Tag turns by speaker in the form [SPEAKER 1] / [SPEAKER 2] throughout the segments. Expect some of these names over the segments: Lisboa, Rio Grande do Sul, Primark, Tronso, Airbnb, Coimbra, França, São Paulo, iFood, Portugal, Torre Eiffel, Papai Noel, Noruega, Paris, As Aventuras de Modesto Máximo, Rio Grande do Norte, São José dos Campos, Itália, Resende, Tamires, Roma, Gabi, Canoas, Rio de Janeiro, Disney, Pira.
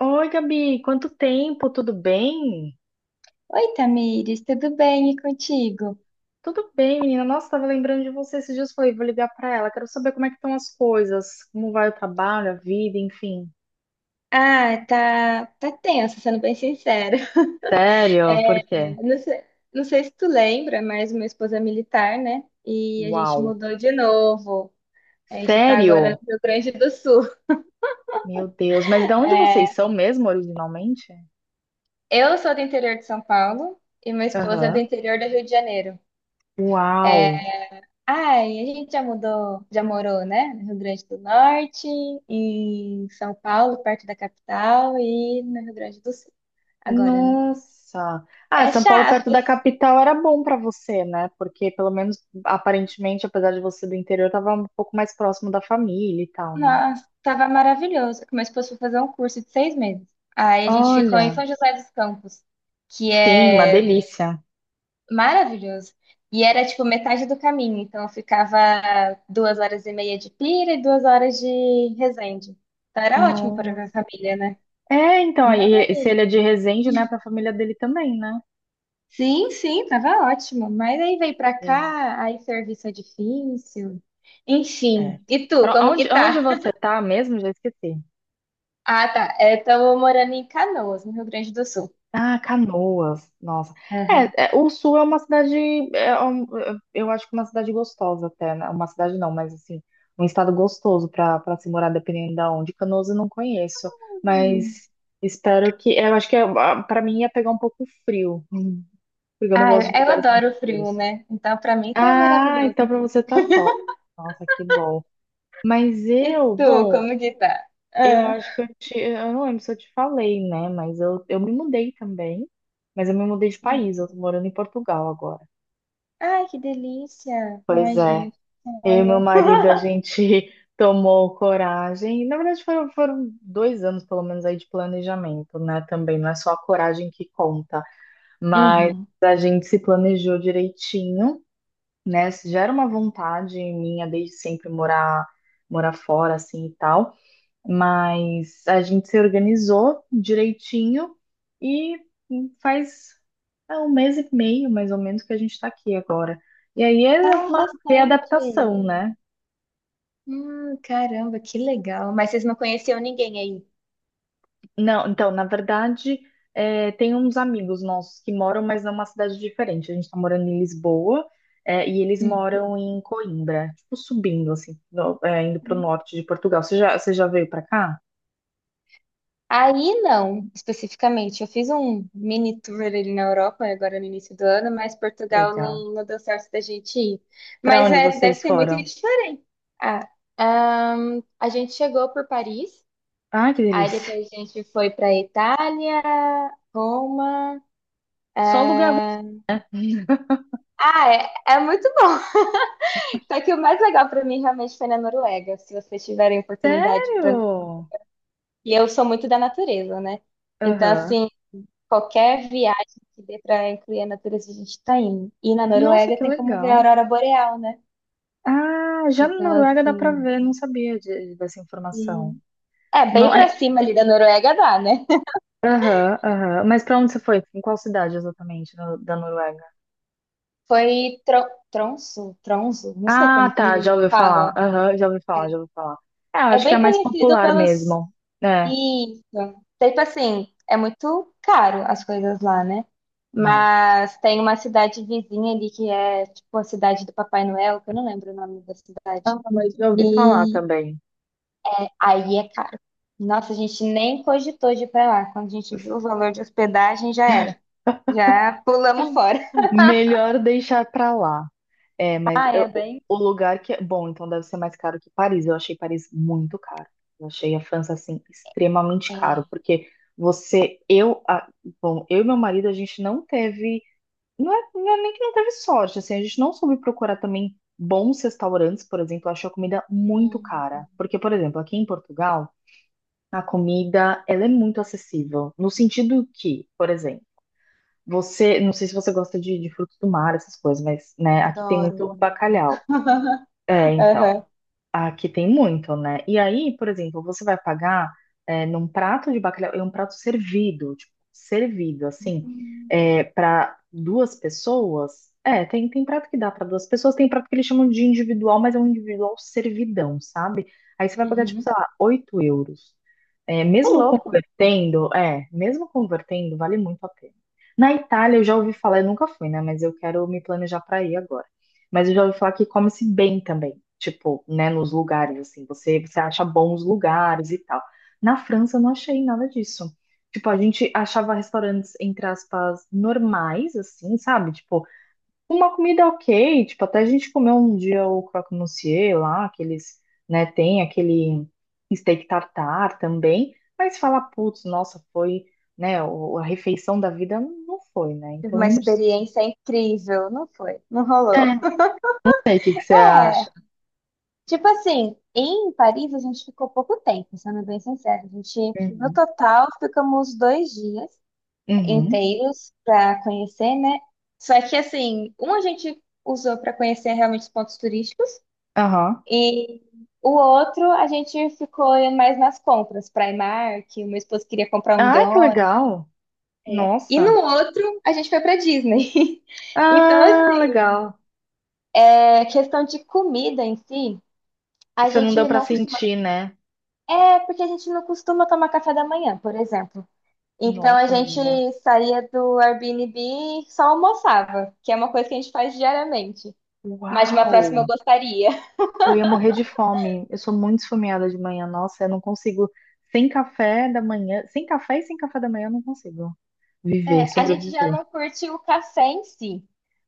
[SPEAKER 1] Oi, Gabi, quanto tempo? Tudo bem?
[SPEAKER 2] Oi, Tamires, tudo bem e contigo?
[SPEAKER 1] Tudo bem, menina. Nossa, tava lembrando de você esses dias. Falei, vou ligar pra ela. Quero saber como é que estão as coisas, como vai o trabalho, a vida, enfim.
[SPEAKER 2] Ah, tá, tá tenso, sendo bem sincera. É,
[SPEAKER 1] Sério? Por quê?
[SPEAKER 2] não sei, não sei se tu lembra, mas minha esposa é militar, né? E a gente
[SPEAKER 1] Uau.
[SPEAKER 2] mudou de novo. A gente tá agora no
[SPEAKER 1] Sério?
[SPEAKER 2] Rio Grande do Sul.
[SPEAKER 1] Meu Deus. Mas de onde vocês são mesmo, originalmente?
[SPEAKER 2] Eu sou do interior de São Paulo e minha esposa é do
[SPEAKER 1] Aham.
[SPEAKER 2] interior do Rio de Janeiro.
[SPEAKER 1] Uau.
[SPEAKER 2] Ai, a gente já mudou, já morou, né? No Rio Grande do Norte, em São Paulo, perto da capital, e no Rio Grande do Sul, agora, né?
[SPEAKER 1] Nossa. Ah,
[SPEAKER 2] É
[SPEAKER 1] São Paulo perto
[SPEAKER 2] chato.
[SPEAKER 1] da capital era bom pra você, né? Porque pelo menos aparentemente, apesar de você do interior, tava um pouco mais próximo da família e tal, né?
[SPEAKER 2] Nossa, tava maravilhoso. Que Meu esposo foi fazer um curso de 6 meses. Aí a gente ficou em
[SPEAKER 1] Olha.
[SPEAKER 2] São José dos Campos, que
[SPEAKER 1] Sim, uma
[SPEAKER 2] é
[SPEAKER 1] delícia.
[SPEAKER 2] maravilhoso. E era tipo metade do caminho, então eu ficava 2 horas e meia de Pira e 2 horas de Resende. Então era ótimo para minha
[SPEAKER 1] Nossa.
[SPEAKER 2] família, né?
[SPEAKER 1] É, então,
[SPEAKER 2] Mas
[SPEAKER 1] aí, se ele é de Resende, né, pra família dele também, né?
[SPEAKER 2] sim, sim, tava ótimo. Mas aí veio pra
[SPEAKER 1] Gente.
[SPEAKER 2] cá, aí serviço é difícil. Enfim,
[SPEAKER 1] É.
[SPEAKER 2] e tu,
[SPEAKER 1] Pra
[SPEAKER 2] como que
[SPEAKER 1] onde,
[SPEAKER 2] tá?
[SPEAKER 1] você tá mesmo? Já esqueci.
[SPEAKER 2] Ah, tá. Estamos morando em Canoas, no Rio Grande do Sul.
[SPEAKER 1] Ah, Canoas. Nossa. É, o Sul é uma cidade. Eu acho que é uma cidade gostosa até, né? Uma cidade não, mas assim, um estado gostoso para se morar, dependendo da onde. Canoas eu não conheço,
[SPEAKER 2] Aham.
[SPEAKER 1] mas espero que. Eu acho que para mim ia pegar um pouco frio, porque eu não
[SPEAKER 2] Ah, eu
[SPEAKER 1] gosto de
[SPEAKER 2] eu
[SPEAKER 1] lugares muito
[SPEAKER 2] adoro frio,
[SPEAKER 1] frios.
[SPEAKER 2] né? Então, pra mim tá
[SPEAKER 1] Ah, então
[SPEAKER 2] maravilhoso.
[SPEAKER 1] pra você tá top. Nossa, que bom. Mas
[SPEAKER 2] E
[SPEAKER 1] eu,
[SPEAKER 2] tu,
[SPEAKER 1] bom,
[SPEAKER 2] como que tá?
[SPEAKER 1] eu
[SPEAKER 2] Ah,
[SPEAKER 1] acho que eu não lembro se eu te falei, né? Mas eu me mudei também. Mas eu me mudei de
[SPEAKER 2] é.
[SPEAKER 1] país, eu tô morando em Portugal agora.
[SPEAKER 2] Ai, que delícia!
[SPEAKER 1] Pois
[SPEAKER 2] Ai,
[SPEAKER 1] é.
[SPEAKER 2] gente,
[SPEAKER 1] Eu e meu
[SPEAKER 2] sonho.
[SPEAKER 1] marido, a gente tomou coragem. Na verdade, foram 2 anos, pelo menos, aí de planejamento, né? Também não é só a coragem que conta, mas
[SPEAKER 2] Uhum.
[SPEAKER 1] a gente se planejou direitinho. Né? Gera uma vontade minha desde sempre morar fora assim e tal, mas a gente se organizou direitinho e faz um mês e meio mais ou menos que a gente está aqui agora. E aí é
[SPEAKER 2] Ah,
[SPEAKER 1] uma
[SPEAKER 2] recente.
[SPEAKER 1] readaptação, né?
[SPEAKER 2] Caramba, que legal. Mas vocês não conheciam ninguém aí?
[SPEAKER 1] Não, então, na verdade, tem uns amigos nossos que moram, mas numa cidade diferente. A gente tá morando em Lisboa, e eles
[SPEAKER 2] Hum.
[SPEAKER 1] moram em Coimbra, tipo subindo, assim, indo pro norte de Portugal. Você já veio pra cá?
[SPEAKER 2] Aí não, especificamente. Eu fiz um mini tour ali na Europa, agora no início do ano, mas Portugal
[SPEAKER 1] Legal.
[SPEAKER 2] não, não deu certo da gente ir.
[SPEAKER 1] Pra
[SPEAKER 2] Mas
[SPEAKER 1] onde
[SPEAKER 2] é, deve
[SPEAKER 1] vocês
[SPEAKER 2] ser muito
[SPEAKER 1] foram?
[SPEAKER 2] diferente. Ah, a gente chegou por Paris,
[SPEAKER 1] Ai, que
[SPEAKER 2] aí
[SPEAKER 1] delícia.
[SPEAKER 2] depois a gente foi para Itália, Roma.
[SPEAKER 1] Só lugar ruim?
[SPEAKER 2] Ah, ah, é muito bom. Só que o mais legal para mim realmente foi na Noruega, se vocês tiverem oportunidade para.
[SPEAKER 1] Sério?
[SPEAKER 2] E eu sou muito da natureza, né? Então,
[SPEAKER 1] Aham.
[SPEAKER 2] assim, qualquer viagem que dê para incluir a natureza, a gente tá indo. E na
[SPEAKER 1] Nossa,
[SPEAKER 2] Noruega
[SPEAKER 1] que
[SPEAKER 2] tem como ver a
[SPEAKER 1] legal.
[SPEAKER 2] aurora boreal, né?
[SPEAKER 1] Ah, já na
[SPEAKER 2] Então,
[SPEAKER 1] Noruega dá pra ver, não sabia dessa informação.
[SPEAKER 2] e- É, bem
[SPEAKER 1] Não.
[SPEAKER 2] pra cima ali da Noruega dá, né?
[SPEAKER 1] Aham, aham. Mas pra onde você foi? Em qual cidade exatamente da Noruega?
[SPEAKER 2] Foi Tronso, Tronso, não sei
[SPEAKER 1] Ah,
[SPEAKER 2] como
[SPEAKER 1] tá, já
[SPEAKER 2] que
[SPEAKER 1] ouvi falar.
[SPEAKER 2] fala.
[SPEAKER 1] Aham, já ouvi falar, já ouvi falar. É, eu
[SPEAKER 2] É
[SPEAKER 1] acho que é a
[SPEAKER 2] bem
[SPEAKER 1] mais
[SPEAKER 2] conhecido
[SPEAKER 1] popular
[SPEAKER 2] pelos.
[SPEAKER 1] mesmo. É,
[SPEAKER 2] Isso. Tipo assim, é muito caro as coisas lá, né?
[SPEAKER 1] né?
[SPEAKER 2] Mas tem uma cidade vizinha ali que é tipo a cidade do Papai Noel, que eu não lembro o nome da
[SPEAKER 1] Ah,
[SPEAKER 2] cidade.
[SPEAKER 1] mas já ouvi falar
[SPEAKER 2] E
[SPEAKER 1] também.
[SPEAKER 2] aí é caro. Nossa, a gente nem cogitou de ir pra lá. Quando a gente viu o valor de hospedagem, já era. Já pulamos fora.
[SPEAKER 1] Melhor deixar pra lá. É, mas
[SPEAKER 2] Ah, é
[SPEAKER 1] eu- o
[SPEAKER 2] bem.
[SPEAKER 1] o lugar que é bom, então deve ser mais caro que Paris. Eu achei Paris muito caro. Eu achei a França assim extremamente caro,
[SPEAKER 2] É.
[SPEAKER 1] porque você, eu, a- bom, eu e meu marido a gente não teve. Não é nem que não teve sorte, assim, a gente não soube procurar também bons restaurantes, por exemplo, eu achei a comida muito
[SPEAKER 2] Hum,
[SPEAKER 1] cara. Porque, por exemplo, aqui em Portugal, a comida, ela é muito acessível, no sentido que, por exemplo, não sei se você gosta de frutos do mar, essas coisas, mas, né, aqui tem
[SPEAKER 2] adoro.
[SPEAKER 1] muito bacalhau. É, então,
[SPEAKER 2] Aham.
[SPEAKER 1] aqui tem muito, né? E aí, por exemplo, você vai pagar num prato de bacalhau, é um prato servido, tipo, servido, assim,
[SPEAKER 2] Uhum.
[SPEAKER 1] para duas pessoas. É, tem prato que dá para duas pessoas, tem prato que eles chamam de individual, mas é um individual servidão, sabe? Aí você vai pagar, tipo, sei lá, 8 euros. É,
[SPEAKER 2] Ô,
[SPEAKER 1] mesmo
[SPEAKER 2] louco.
[SPEAKER 1] convertendo, é, mesmo convertendo, vale muito a pena. Na Itália, eu já ouvi falar, eu nunca fui, né? Mas eu quero me planejar para ir agora. Mas eu já ouvi falar que come-se bem também, tipo, né, nos lugares, assim, você acha bons lugares e tal. Na França eu não achei nada disso. Tipo, a gente achava restaurantes, entre aspas, normais, assim, sabe? Tipo, uma comida ok, tipo, até a gente comeu um dia o croque monsieur lá, aqueles, né, tem aquele steak tartar também, mas falar, putz, nossa, foi, né, a refeição da vida não foi, né?
[SPEAKER 2] Tive
[SPEAKER 1] Então,
[SPEAKER 2] uma experiência incrível, não foi? Não rolou.
[SPEAKER 1] Não sei o que que você
[SPEAKER 2] É,
[SPEAKER 1] acha.
[SPEAKER 2] tipo assim, em Paris a gente ficou pouco tempo, sendo bem sincero. A gente, no
[SPEAKER 1] Uhum.
[SPEAKER 2] total, ficamos 2 dias
[SPEAKER 1] Uhum.
[SPEAKER 2] inteiros para conhecer, né? Só que assim, um a gente usou para conhecer realmente os pontos turísticos,
[SPEAKER 1] Aham.
[SPEAKER 2] e o outro a gente ficou mais nas compras, Primark, o meu esposo queria comprar um
[SPEAKER 1] Ah, que
[SPEAKER 2] drone,
[SPEAKER 1] legal!
[SPEAKER 2] e no
[SPEAKER 1] Nossa.
[SPEAKER 2] outro a gente foi para Disney. Então,
[SPEAKER 1] Ah,
[SPEAKER 2] assim,
[SPEAKER 1] legal.
[SPEAKER 2] é questão de comida em si, a
[SPEAKER 1] Você não deu
[SPEAKER 2] gente
[SPEAKER 1] pra
[SPEAKER 2] não costuma.
[SPEAKER 1] sentir, né?
[SPEAKER 2] É porque a gente não costuma tomar café da manhã, por exemplo. Então a
[SPEAKER 1] Nossa,
[SPEAKER 2] gente
[SPEAKER 1] menina.
[SPEAKER 2] saía do Airbnb e só almoçava, que é uma coisa que a gente faz diariamente. Mas de uma próxima
[SPEAKER 1] Uau!
[SPEAKER 2] eu gostaria.
[SPEAKER 1] Eu ia morrer de fome. Eu sou muito esfomeada de manhã. Nossa, eu não consigo. Sem café da manhã. Sem café e sem café da manhã, eu não consigo viver,
[SPEAKER 2] É, a gente já
[SPEAKER 1] sobreviver.
[SPEAKER 2] não curte o café em si,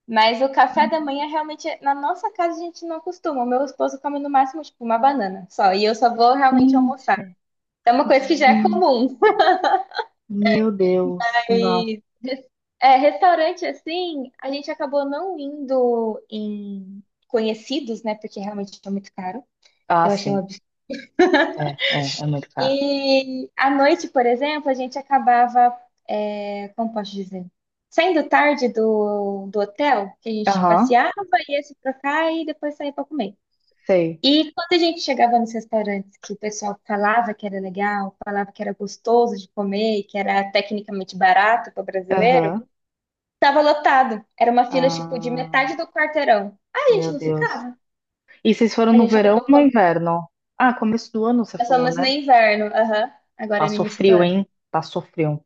[SPEAKER 2] mas o café da manhã realmente, na nossa casa, a gente não costuma. O meu esposo come no máximo, tipo, uma banana só, e eu só vou realmente
[SPEAKER 1] Sim,
[SPEAKER 2] almoçar. Então, é uma coisa que já é
[SPEAKER 1] sim.
[SPEAKER 2] comum.
[SPEAKER 1] Meu Deus. Nossa.
[SPEAKER 2] E é, restaurante assim, a gente acabou não indo em conhecidos, né? Porque realmente é muito caro.
[SPEAKER 1] Ah,
[SPEAKER 2] Eu achei um
[SPEAKER 1] sim.
[SPEAKER 2] absurdo.
[SPEAKER 1] É muito caro.
[SPEAKER 2] E à noite, por exemplo, a gente acabava, é, como posso dizer, saindo tarde do hotel, que a gente
[SPEAKER 1] Aham,
[SPEAKER 2] passeava, ia se trocar e depois saía para comer.
[SPEAKER 1] sei.
[SPEAKER 2] E quando a gente chegava nos restaurantes que o pessoal falava que era legal, falava que era gostoso de comer, e que era tecnicamente barato para brasileiro,
[SPEAKER 1] Aham.
[SPEAKER 2] tava lotado. Era uma fila tipo de
[SPEAKER 1] Ah,
[SPEAKER 2] metade do quarteirão. Aí a gente
[SPEAKER 1] meu
[SPEAKER 2] não
[SPEAKER 1] Deus.
[SPEAKER 2] ficava.
[SPEAKER 1] E vocês foram
[SPEAKER 2] A
[SPEAKER 1] no
[SPEAKER 2] gente
[SPEAKER 1] verão ou
[SPEAKER 2] acabou
[SPEAKER 1] no
[SPEAKER 2] com...
[SPEAKER 1] inverno? Ah, começo do ano você
[SPEAKER 2] Nós
[SPEAKER 1] falou,
[SPEAKER 2] fomos
[SPEAKER 1] né?
[SPEAKER 2] no inverno, aham, agora é no
[SPEAKER 1] Passou
[SPEAKER 2] início do
[SPEAKER 1] frio,
[SPEAKER 2] ano.
[SPEAKER 1] hein? Passou frio.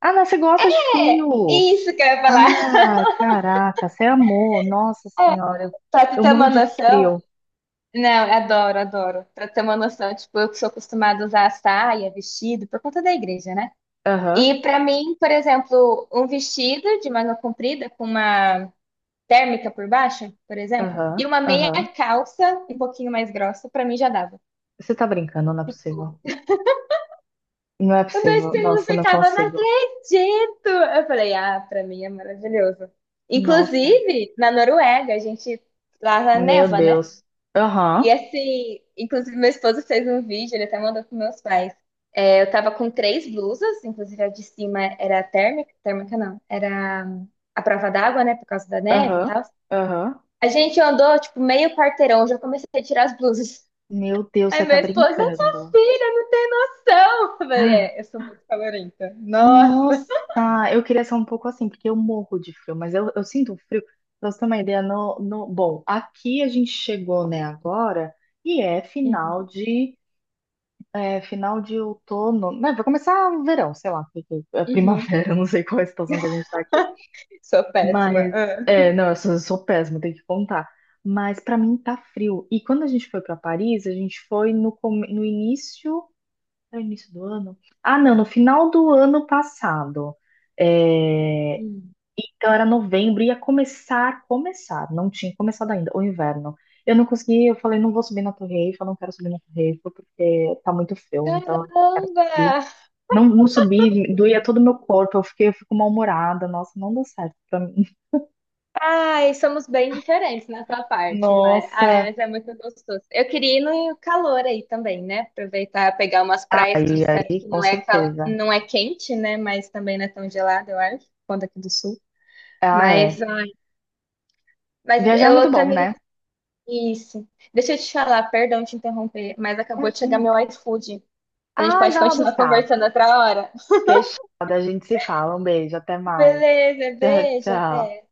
[SPEAKER 1] Ah, não, você gosta de
[SPEAKER 2] É,
[SPEAKER 1] frio.
[SPEAKER 2] isso que eu ia falar.
[SPEAKER 1] Ah, caraca, você amou. Nossa senhora, eu,
[SPEAKER 2] Só pra
[SPEAKER 1] eu
[SPEAKER 2] ter
[SPEAKER 1] morro
[SPEAKER 2] uma
[SPEAKER 1] de
[SPEAKER 2] noção,
[SPEAKER 1] frio.
[SPEAKER 2] não, eu adoro, adoro. Pra ter uma noção, tipo, eu que sou acostumada a usar saia, vestido, por conta da igreja, né?
[SPEAKER 1] Aham,
[SPEAKER 2] E pra mim, por exemplo, um vestido de manga comprida com uma térmica por baixo, por exemplo, e
[SPEAKER 1] aham,
[SPEAKER 2] uma meia
[SPEAKER 1] aham.
[SPEAKER 2] calça um pouquinho mais grossa, pra mim já dava.
[SPEAKER 1] Você tá brincando, não é possível. Não é
[SPEAKER 2] O meu
[SPEAKER 1] possível.
[SPEAKER 2] estilo
[SPEAKER 1] Nossa, eu não
[SPEAKER 2] ficava, não
[SPEAKER 1] consigo.
[SPEAKER 2] acredito! Eu falei, ah, pra mim é maravilhoso.
[SPEAKER 1] Nossa,
[SPEAKER 2] Inclusive, na Noruega, a gente lá
[SPEAKER 1] meu
[SPEAKER 2] neva, né?
[SPEAKER 1] Deus.
[SPEAKER 2] E
[SPEAKER 1] Aham,
[SPEAKER 2] assim, inclusive meu esposo fez um vídeo, ele até mandou para meus pais. É, eu tava com três blusas, inclusive a de cima era térmica, térmica não, era a prova d'água, né, por causa da neve e
[SPEAKER 1] aham,
[SPEAKER 2] tal.
[SPEAKER 1] aham.
[SPEAKER 2] A gente andou, tipo, meio quarteirão, já comecei a tirar as blusas.
[SPEAKER 1] Meu Deus,
[SPEAKER 2] Aí
[SPEAKER 1] você tá
[SPEAKER 2] meu esposo, sua
[SPEAKER 1] brincando.
[SPEAKER 2] filha, não tem noção. Eu falei, é, eu sou muito calorenta.
[SPEAKER 1] Nossa,
[SPEAKER 2] Nossa.
[SPEAKER 1] eu queria ser um pouco assim, porque eu morro de frio, mas eu sinto frio. Pra você ter uma ideia, no, no, bom, aqui a gente chegou, né, agora, e é
[SPEAKER 2] Uhum.
[SPEAKER 1] final de outono, né, vai começar o verão, sei lá, porque é
[SPEAKER 2] Uhum.
[SPEAKER 1] primavera, eu não sei qual é a situação que a gente tá aqui.
[SPEAKER 2] Sou péssima.
[SPEAKER 1] Mas,
[SPEAKER 2] Ah.
[SPEAKER 1] não, eu sou péssima, tenho que contar. Mas pra mim tá frio. E quando a gente foi pra Paris, a gente foi no início. No início do ano? Ah, não, no final do ano passado. É,
[SPEAKER 2] Uhum.
[SPEAKER 1] então era novembro, ia começar, não tinha começado ainda, o inverno. Eu não consegui, eu falei, não vou subir na Torre Eiffel, não quero subir na Torre Eiffel, porque tá muito frio, então eu não quero
[SPEAKER 2] Caramba!
[SPEAKER 1] subir. Não, não subi, doía todo o meu corpo, eu fiquei, eu fico mal-humorada, nossa, não deu certo pra mim.
[SPEAKER 2] Ai, somos bem diferentes nessa parte, mas, ai,
[SPEAKER 1] Nossa,
[SPEAKER 2] mas é muito gostoso. Eu queria ir no calor aí também, né? Aproveitar, pegar umas praias que
[SPEAKER 1] aí,
[SPEAKER 2] disseram
[SPEAKER 1] aí,
[SPEAKER 2] que
[SPEAKER 1] com
[SPEAKER 2] não é, cal...
[SPEAKER 1] certeza.
[SPEAKER 2] não é quente, né? Mas também não é tão gelada, eu acho, quando aqui do sul.
[SPEAKER 1] Ah, é.
[SPEAKER 2] Mas, ai, mas
[SPEAKER 1] Viajar é muito
[SPEAKER 2] eu
[SPEAKER 1] bom,
[SPEAKER 2] também.
[SPEAKER 1] né?
[SPEAKER 2] Isso. Deixa eu te falar, perdão te interromper, mas acabou de chegar
[SPEAKER 1] Imagina.
[SPEAKER 2] meu iFood. A gente
[SPEAKER 1] Ai,
[SPEAKER 2] pode
[SPEAKER 1] vai lá
[SPEAKER 2] continuar
[SPEAKER 1] buscar.
[SPEAKER 2] conversando outra hora.
[SPEAKER 1] Fechado, a gente se fala. Um beijo, até mais.
[SPEAKER 2] Beleza,
[SPEAKER 1] Tchau,
[SPEAKER 2] beijo,
[SPEAKER 1] tchau.
[SPEAKER 2] até.